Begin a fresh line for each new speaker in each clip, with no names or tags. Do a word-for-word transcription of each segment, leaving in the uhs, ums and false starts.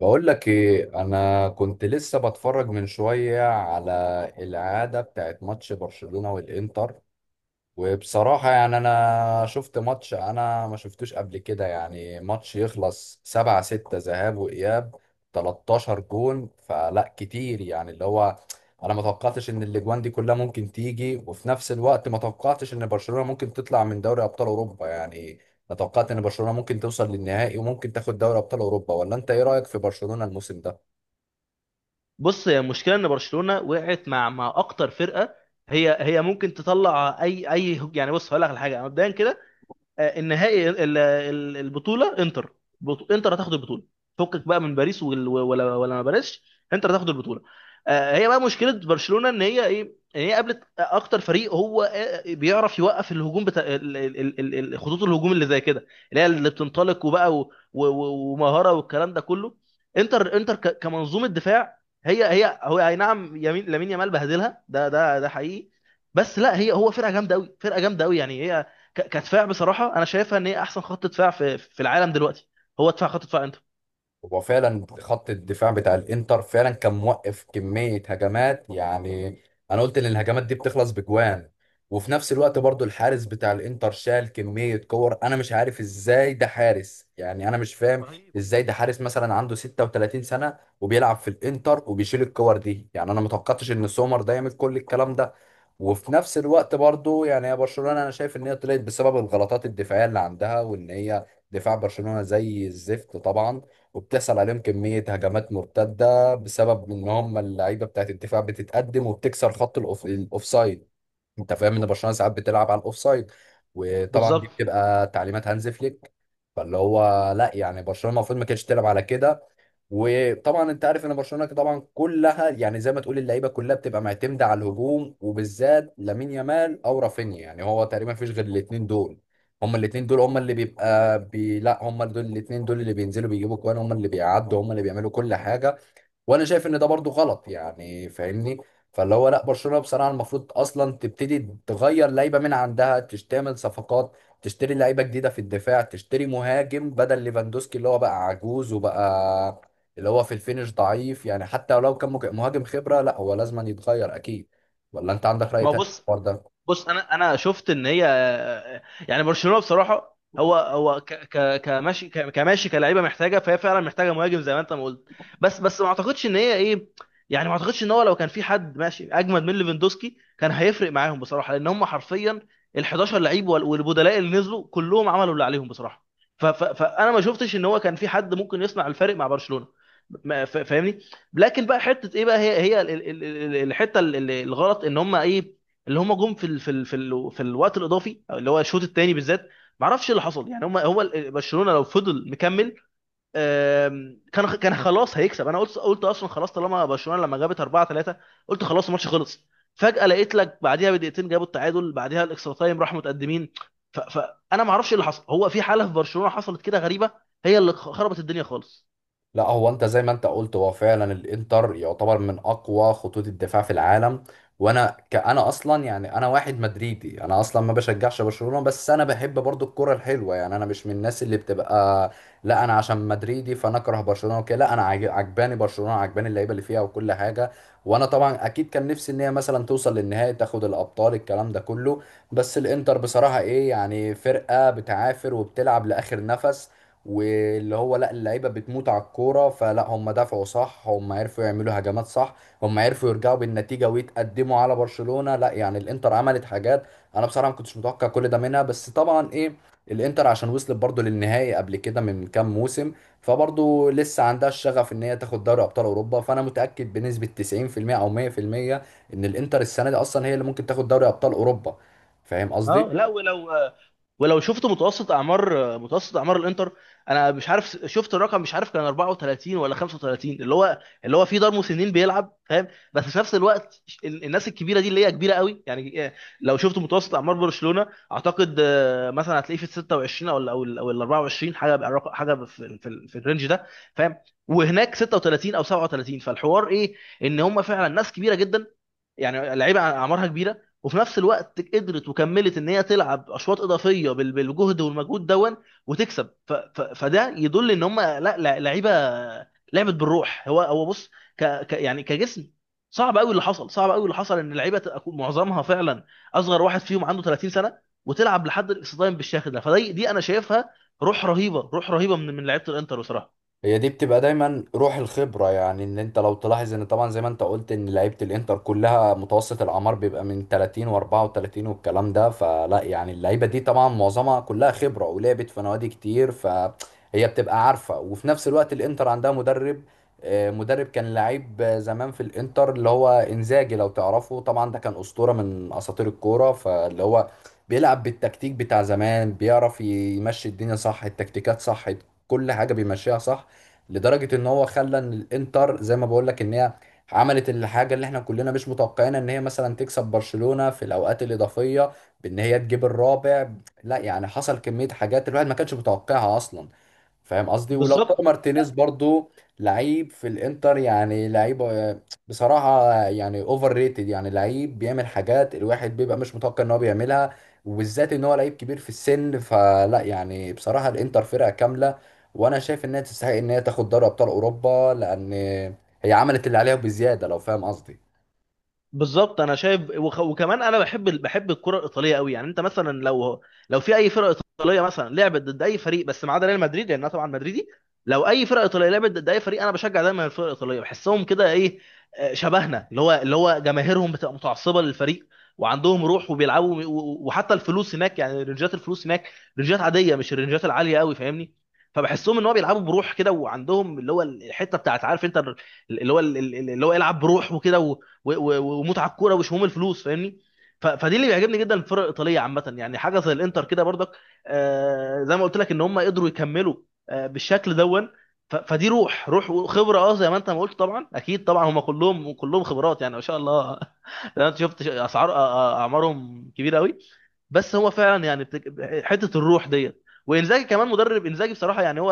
بقول لك ايه، انا كنت لسه بتفرج من شويه على العاده بتاعت ماتش برشلونه والانتر. وبصراحة يعني أنا شفت ماتش أنا ما شفتوش قبل كده، يعني ماتش يخلص سبعة ستة ذهاب وإياب تلتاشر جون فلا، كتير يعني اللي هو أنا ما توقعتش إن الأجوان دي كلها ممكن تيجي، وفي نفس الوقت ما توقعتش إن برشلونة ممكن تطلع من دوري أبطال أوروبا يعني. أنا توقعت إن برشلونة ممكن توصل للنهائي وممكن تاخد دوري أبطال أوروبا، ولا أنت إيه رأيك في برشلونة الموسم ده؟
بص، هي المشكله ان برشلونه وقعت مع مع اكتر فرقه. هي هي ممكن تطلع. اي اي يعني بص هقول لك على حاجه مبدئيا كده. آه، النهائي ال- ال- البطوله انتر. بط- انتر هتاخد البطوله. فكك بقى من باريس وال- ولا ولا ما باريس. انتر هتاخد البطوله. آه، هي بقى مشكله برشلونه ان هي ايه؟ ان هي قابلت اكتر فريق هو آه، بيعرف يوقف الهجوم بتاع ال- ال- ال- ال- خطوط الهجوم اللي زي كده، اللي هي اللي بتنطلق وبقى و- و- و- ومهاره والكلام ده كله. انتر انتر ك- كمنظومه دفاع، هي هي هو، اي نعم، يمين لامين يامال بهدلها، ده ده ده حقيقي. بس لا، هي هو فرقه جامده قوي، فرقه جامده قوي يعني هي ك- كدفاع. بصراحه انا شايفها ان هي احسن خط دفاع في في العالم دلوقتي. هو دفاع، خط دفاع انتر
هو فعلا خط الدفاع بتاع الانتر فعلا كان موقف كمية هجمات يعني، انا قلت ان الهجمات دي بتخلص بجوان. وفي نفس الوقت برضو الحارس بتاع الانتر شال كمية كور، انا مش عارف ازاي ده حارس يعني، انا مش فاهم
رهيب.
ازاي ده حارس مثلا عنده ستة وثلاثين سنة وبيلعب في الانتر وبيشيل الكور دي، يعني انا متوقعتش ان سومر ده يعمل كل الكلام ده. وفي نفس الوقت برضو يعني يا برشلونة، انا شايف ان هي طلعت بسبب الغلطات الدفاعية اللي عندها، وان هي دفاع برشلونة زي الزفت طبعا، وبتحصل عليهم كمية هجمات مرتدة بسبب ان هم اللعيبة بتاعت الدفاع بتتقدم وبتكسر خط الأوف- الاوفسايد. انت فاهم ان برشلونة ساعات بتلعب على الاوفسايد، وطبعا دي
بالظبط.
بتبقى تعليمات هانز فليك. فاللي هو لا يعني برشلونة المفروض ما كانتش تلعب على كده. وطبعا انت عارف ان برشلونه طبعا كلها يعني زي ما تقول اللعيبه كلها بتبقى معتمده على الهجوم، وبالذات لامين يامال او رافينيا، يعني هو تقريبا مفيش غير الاثنين دول. هما الاثنين دول هما اللي بيبقى بي... لا، هما دول، الاثنين دول اللي بينزلوا بيجيبوا كوان، هما اللي بيعدوا، هما اللي بيعملوا كل حاجه. وانا شايف ان ده برضو غلط يعني، فاهمني؟ فاللي هو لا، برشلونه بصراحه المفروض اصلا تبتدي تغير لعيبه من عندها، تش- تعمل صفقات، تشتري لعيبه جديده في الدفاع، تشتري مهاجم بدل ليفاندوسكي اللي هو بقى عجوز وبقى اللي هو في الفينش ضعيف، يعني حتى لو كان مج- مهاجم خبره لا، هو لازم يتغير اكيد. ولا انت عندك راي
ما هو
تاني في
بص،
الحوار ده؟
بص انا انا شفت ان هي يعني برشلونه بصراحه هو هو ك ك كماشي ك- كماشي كلاعيبه محتاجه، فهي فعلا محتاجه مهاجم زي ما انت ما قلت. بس بس ما اعتقدش ان هي ايه، يعني ما اعتقدش ان هو لو كان في حد ماشي اجمد من ليفاندوسكي كان هيفرق معاهم بصراحه، لان هم حرفيا ال احداشر لعيب وال- والبدلاء اللي نزلوا كلهم عملوا اللي عليهم بصراحه. ف ف فانا ما شفتش ان هو كان في حد ممكن يصنع الفرق مع برشلونه، ما- ف- فاهمني. لكن بقى حته ايه بقى، هي هي ال- ال- ال- الحته ال- ال- الغلط ان هم ايه، اللي هم جم في ال... في ال... في, ال... في الوقت الاضافي أو اللي هو الشوط الثاني بالذات. ما اعرفش ايه اللي حصل، يعني هم هو ال- برشلونه لو فضل مكمل آم، كان كان خلاص هيكسب. انا قلت قلت اصلا خلاص طالما برشلونه لما جابت اربعه تلاته، قلت خلاص الماتش خلص. فجاه لقيت لك بعديها بدقيقتين جابوا التعادل، بعديها الاكسترا تايم راحوا متقدمين. ف- فانا ما اعرفش ايه اللي حصل، هو في حاله في برشلونه حصلت كده غريبه هي اللي خربت الدنيا خالص.
لا هو انت زي ما انت قلت، هو فعلا الانتر يعتبر من اقوى خطوط الدفاع في العالم. وانا كأنا اصلا، يعني انا واحد مدريدي، انا اصلا ما بشجعش برشلونة، بس انا بحب برضو الكرة الحلوة، يعني انا مش من الناس اللي بتبقى لا انا عشان مدريدي فانا اكره برشلونة وكده، لا انا عاج- عجباني برشلونة، عجباني اللعيبة اللي فيها وكل حاجة. وانا طبعا اكيد كان نفسي ان هي مثلا توصل للنهائي، تاخد الابطال، الكلام ده كله. بس الانتر بصراحة ايه يعني، فرقة بتعافر وبتلعب لاخر نفس. واللي هو لا، اللعيبه بتموت على الكوره، فلا هم دفعوا صح، هم عرفوا يعملوا هجمات صح، هم عرفوا يرجعوا بالنتيجه ويتقدموا على برشلونه. لا يعني الانتر عملت حاجات انا بصراحه ما كنتش متوقع كل ده منها، بس طبعا ايه، الانتر عشان وصلت برضو للنهائي قبل كده من كام موسم، فبرضو لسه عندها الشغف ان هي تاخد دوري ابطال اوروبا. فانا متاكد بنسبه تسعين في المية او مية في المية ان الانتر السنه دي اصلا هي اللي ممكن تاخد دوري ابطال اوروبا، فاهم قصدي؟
اه، لا، ولو، ولو شفت متوسط اعمار متوسط اعمار الانتر. انا مش عارف، شفت الرقم مش عارف، كان أربعة وثلاثين ولا خمسه وتلاتين، اللي هو اللي هو في دار مسنين بيلعب، فاهم؟ بس في نفس الوقت ال- الناس الكبيره دي اللي هي كبيره قوي يعني إيه، لو شفت متوسط اعمار برشلونه، اعتقد آه، مثلا هتلاقيه في ال سته وعشرين او ال او ال او ال اربعه وعشرين حاجه بقى، الرقم- حاجه في في, ال- في الرينج ده، فاهم؟ وهناك سته وتلاتين او سبعة وثلاثين، فالحوار ايه؟ ان هم فعلا ناس كبيره جدا، يعني لعيبه اعمارها كبيره وفي نفس الوقت قدرت وكملت ان هي تلعب اشواط اضافيه بال- بالجهد والمجهود دون وتكسب. ف ف فده يدل ان هم لا، لا- لعيبه لعبت بالروح. هو هو بص، ك ك يعني كجسم صعب قوي اللي حصل، صعب قوي اللي حصل ان اللعيبه تبقى كو- معظمها فعلا اصغر واحد فيهم عنده تلاتين سنه، وتلعب لحد الاكستايم بالشكل ده. فدي دي انا شايفها روح رهيبه، روح رهيبه من من لعيبه الانتر بصراحه.
هي دي بتبقى دايما روح الخبرة، يعني ان انت لو تلاحظ ان طبعا زي ما انت قلت ان لعيبة الانتر كلها متوسط الاعمار بيبقى من تلاتين و34 والكلام ده، فلا يعني اللعيبة دي طبعا معظمها كلها خبرة ولعبت في نوادي كتير، فهي بتبقى عارفة. وفي نفس الوقت الانتر عندها مدرب، آه، مدرب كان لعيب آه، زمان في الانتر اللي هو انزاجي لو تعرفه طبعا، ده كان اسطورة من اساطير الكورة. فاللي هو بيلعب بالتكتيك بتاع زمان، بيعرف يمشي الدنيا صح، التكتيكات صح، كل حاجة بيمشيها صح. لدرجه ان هو خلى ان الانتر زي ما بقول لك ان هي عملت الحاجه اللي احنا كلنا مش متوقعينها، ان هي مثلا تكسب برشلونه في الاوقات الاضافيه بان هي تجيب الرابع. لا يعني حصل كميه حاجات الواحد ما كانش متوقعها اصلا، فاهم قصدي؟ ولو طار
بالظبط.
مارتينيز برضو، لعيب في الانتر يعني، لعيب آه، بصراحة يعني اوفر ريتد، يعني لعيب بيعمل حاجات الواحد بيبقى مش متوقع ان هو بيعملها، وبالذات ان هو لعيب كبير في السن. فلا يعني بصراحة الانتر فرقة كاملة، وانا شايف انها تستحق ان هي تاخد دوري ابطال اوروبا، لان هي عملت اللي عليها بزيادة لو فاهم قصدي.
بالظبط، انا شايف وخ... وكمان انا بحب ال- بحب الكره الايطاليه قوي. يعني انت مثلا لو، لو في اي فرقه ايطاليه مثلا لعبت ضد اي فريق، بس ما عدا ريال مدريد لان انا طبعا مدريدي، لو اي فرقه ايطاليه لعبت ضد اي فريق انا بشجع دايما الفرقه الايطاليه. بحسهم كده ايه، آه، شبهنا. اللي هو اللي هو جماهيرهم بتبقى متعصبه للفريق، وعندهم روح وبيلعبوا، و- و- وحتى الفلوس هناك يعني، رنجات الفلوس هناك رنجات عاديه، مش الرنجات العاليه قوي، فاهمني؟ فبحسهم ان هو بيلعبوا بروح كده، وعندهم اللي هو الحته بتاعت، عارف انت، اللي هو اللي هو يلعب بروح وكده و- و- ومتعه الكوره وشموم الفلوس، فاهمني؟ ف- فدي اللي بيعجبني جدا، الفرق الايطاليه عامه، يعني حاجه زي الانتر كده برضك، آه، زي ما قلت لك ان هم قدروا يكملوا آه، بالشكل دون. ف- فدي روح، روح وخبره. اه، زي ما انت ما قلت، طبعا اكيد، طبعا هم كلهم كلهم خبرات يعني، ما شاء الله. انا شفت اسعار أ- أ- اعمارهم كبيره قوي. بس هو فعلا يعني بتك... حته الروح ديت. وانزاجي كمان، مدرب انزاجي بصراحه، يعني هو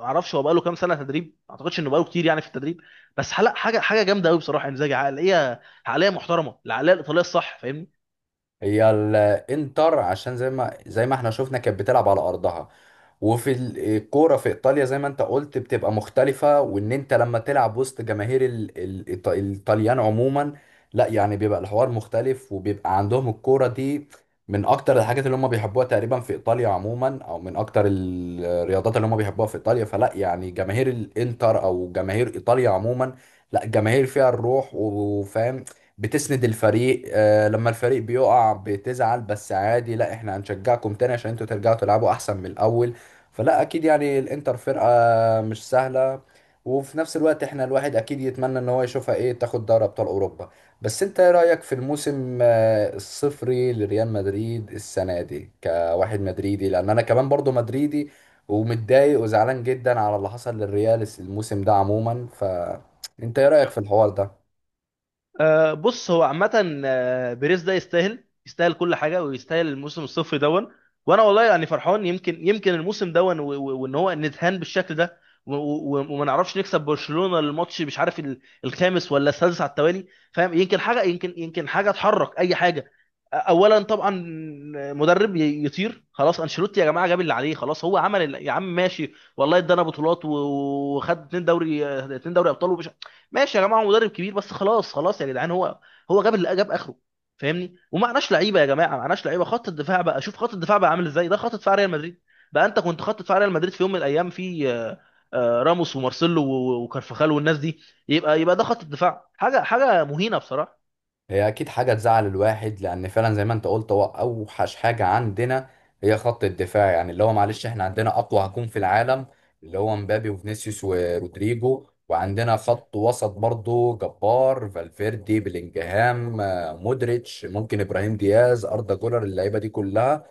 ما اعرفش هو بقاله كام سنه تدريب، ما اعتقدش انه بقاله كتير يعني في التدريب، بس حلق حاجه، حاجه جامده قوي بصراحه انزاجي. عقليه عقليه محترمه، العقليه الايطاليه الصح، فاهمني؟
هي الانتر عشان زي ما زي ما احنا شفنا كانت بتلعب على ارضها، وفي ال- الكوره في ايطاليا زي ما انت قلت بتبقى مختلفه، وان انت لما تلعب وسط جماهير ال- ال- الإيط- الايطاليان عموما، لا يعني بيبقى الحوار مختلف، وبيبقى عندهم الكوره دي من اكتر الحاجات اللي هم بيحبوها تقريبا في ايطاليا عموما، او من اكتر ال- الرياضات اللي هم بيحبوها في ايطاليا. فلا يعني جماهير الانتر او جماهير ايطاليا عموما، لا جماهير فيها الروح وفاهم، بتسند الفريق. آه، لما الفريق بيقع بتزعل بس عادي، لا احنا هنشجعكم تاني عشان انتوا ترجعوا تلعبوا احسن من الاول. فلا اكيد يعني الانتر فرقة مش سهلة، وفي نفس الوقت احنا الواحد اكيد يتمنى ان هو يشوفها ايه تاخد دوري ابطال اوروبا. بس انت ايه رأيك في الموسم آه، الصفري لريال مدريد السنة دي كواحد مدريدي، لان انا كمان برضو مدريدي ومتضايق وزعلان جدا على اللي حصل للريال الموسم ده عموما، فانت ايه رأيك في الحوار ده؟
آه، بص، هو عامة آه، بيريز ده يستاهل، يستاهل كل حاجة، ويستاهل الموسم الصفري دون. وأنا والله يعني فرحان، يمكن يمكن الموسم دون و- و- وإن هو نتهان بالشكل ده، و- و- وما نعرفش نكسب برشلونة الماتش، مش عارف ال- الخامس ولا السادس على التوالي، فاهم؟ يمكن حاجة، يمكن يمكن حاجة تحرك أي حاجة. آه، أولا طبعا، مدرب ي- يطير خلاص. أنشيلوتي يا جماعة جاب اللي عليه، خلاص، هو عمل اللي- يا عم ماشي، والله ادانا بطولات و- وخد اتنين دوري آه، اتنين دوري أبطال، ومش ماشي يا جماعه. هو مدرب كبير بس خلاص، خلاص يا جدعان، هو هو جاب اللي جاب اخره، فاهمني؟ ومعناش لعيبه يا جماعه، معناش لعيبه. خط الدفاع بقى، شوف خط الدفاع بقى عامل ازاي، ده خط دفاع ريال مدريد بقى. انت كنت خط دفاع ريال مدريد في يوم من الايام في آه، آه، راموس ومارسيلو و- و- وكارفاخال والناس دي، يبقى يبقى ده خط الدفاع، حاجه حاجه مهينه بصراحه.
هي اكيد حاجه تزعل الواحد، لان فعلا زي ما انت قلت هو اوحش حاجه عندنا هي خط الدفاع. يعني اللي هو معلش احنا عندنا اقوى هجوم في العالم، اللي هو مبابي وفينيسيوس ورودريجو، وعندنا
مم.
خط وسط برضو جبار، فالفيردي، بلينجهام، آه، مودريتش، ممكن ابراهيم دياز، اردا جولر، اللعيبه دي كلها.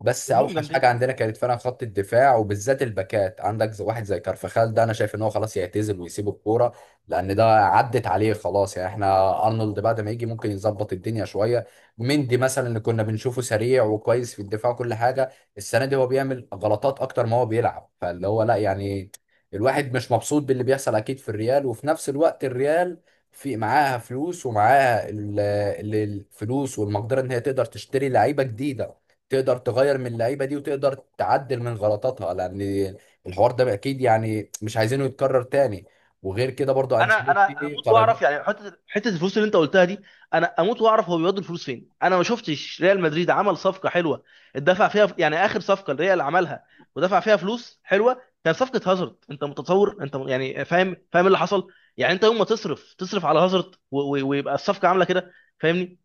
بس
كلهم
اوحش حاجه
جامدين.
عندنا كانت فعلا خط الدفاع، وبالذات الباكات. عندك زي- واحد زي كارفخال ده انا شايف ان هو خلاص يعتزل ويسيب الكوره، لان ده عدت عليه خلاص. يعني احنا ارنولد بعد ما يجي ممكن يظبط الدنيا شويه، مندي مثلا اللي كنا بنشوفه سريع وكويس في الدفاع وكل حاجه، السنه دي هو بيعمل غلطات اكتر ما هو بيلعب. فاللي هو لا يعني الواحد مش مبسوط باللي بيحصل اكيد في الريال. وفي نفس الوقت الريال في معاها فلوس، ومعاها ال- ال- الفلوس والمقدره ان هي تقدر تشتري لعيبه جديده، تقدر تغير من اللعيبه دي وتقدر تعدل من غلطاتها، لان الحوار ده اكيد يعني مش عايزينه يتكرر تاني. وغير كده برضو
انا انا
انشيلوتي
هموت واعرف
قرارات.
يعني، حته حته الفلوس اللي انت قلتها دي، انا اموت واعرف هو بيودي الفلوس فين. انا ما شفتش ريال مدريد عمل صفقه حلوه اتدفع فيها، يعني اخر صفقه الريال عملها ودفع فيها فلوس حلوه كان صفقه هازارد. انت متصور، انت م- يعني فاهم، فاهم اللي حصل يعني. انت يوم ما تصرف تصرف على هازارد و- و- ويبقى الصفقه عامله كده، فاهمني؟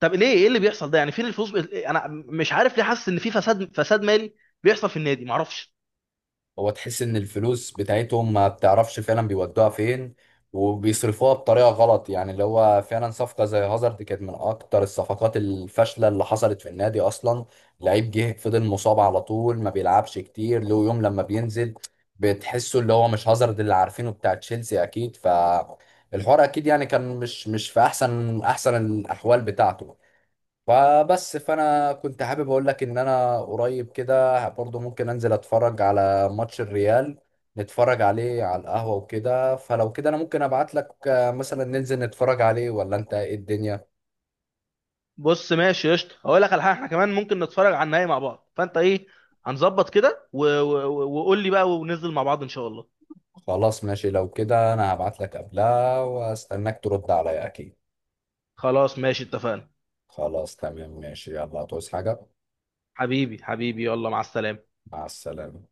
طب ليه؟ ايه اللي بيحصل ده يعني؟ فين الفلوس؟ انا مش عارف، ليه حاسس ان في فساد، فساد مالي بيحصل في النادي، معرفش.
هو تحس ان الفلوس بتاعتهم ما بتعرفش فعلا بيودوها فين، وبيصرفوها بطريقه غلط، يعني اللي هو فعلا صفقه زي هازارد كانت من اكتر الصفقات الفاشله اللي حصلت في النادي اصلا. لعيب جه فضل مصاب على طول، ما بيلعبش كتير، له يوم لما بينزل بتحسه اللي هو مش هازارد اللي عارفينه بتاع تشيلسي اكيد. ف الحوار اكيد يعني كان مش مش في احسن احسن الاحوال بتاعته. فبس فانا كنت حابب اقول لك ان انا قريب كده برضو، ممكن انزل اتفرج على ماتش الريال، نتفرج عليه على القهوة وكده. فلو كده انا ممكن ابعت لك آه، مثلا ننزل نتفرج عليه، ولا انت ايه الدنيا؟
بص ماشي قشطه، هقول لك على حاجه، احنا كمان ممكن نتفرج على النهائي مع بعض، فانت ايه؟ هنظبط كده و- و- و- وقول لي بقى وننزل مع بعض ان شاء الله.
خلاص ماشي، لو كده انا هبعت لك قبلها واستناك ترد عليا اكيد.
خلاص ماشي، اتفقنا.
خلاص تمام ماشي، يلا هتعوز حاجة؟
حبيبي حبيبي، يلا مع السلامه.
مع السلامة.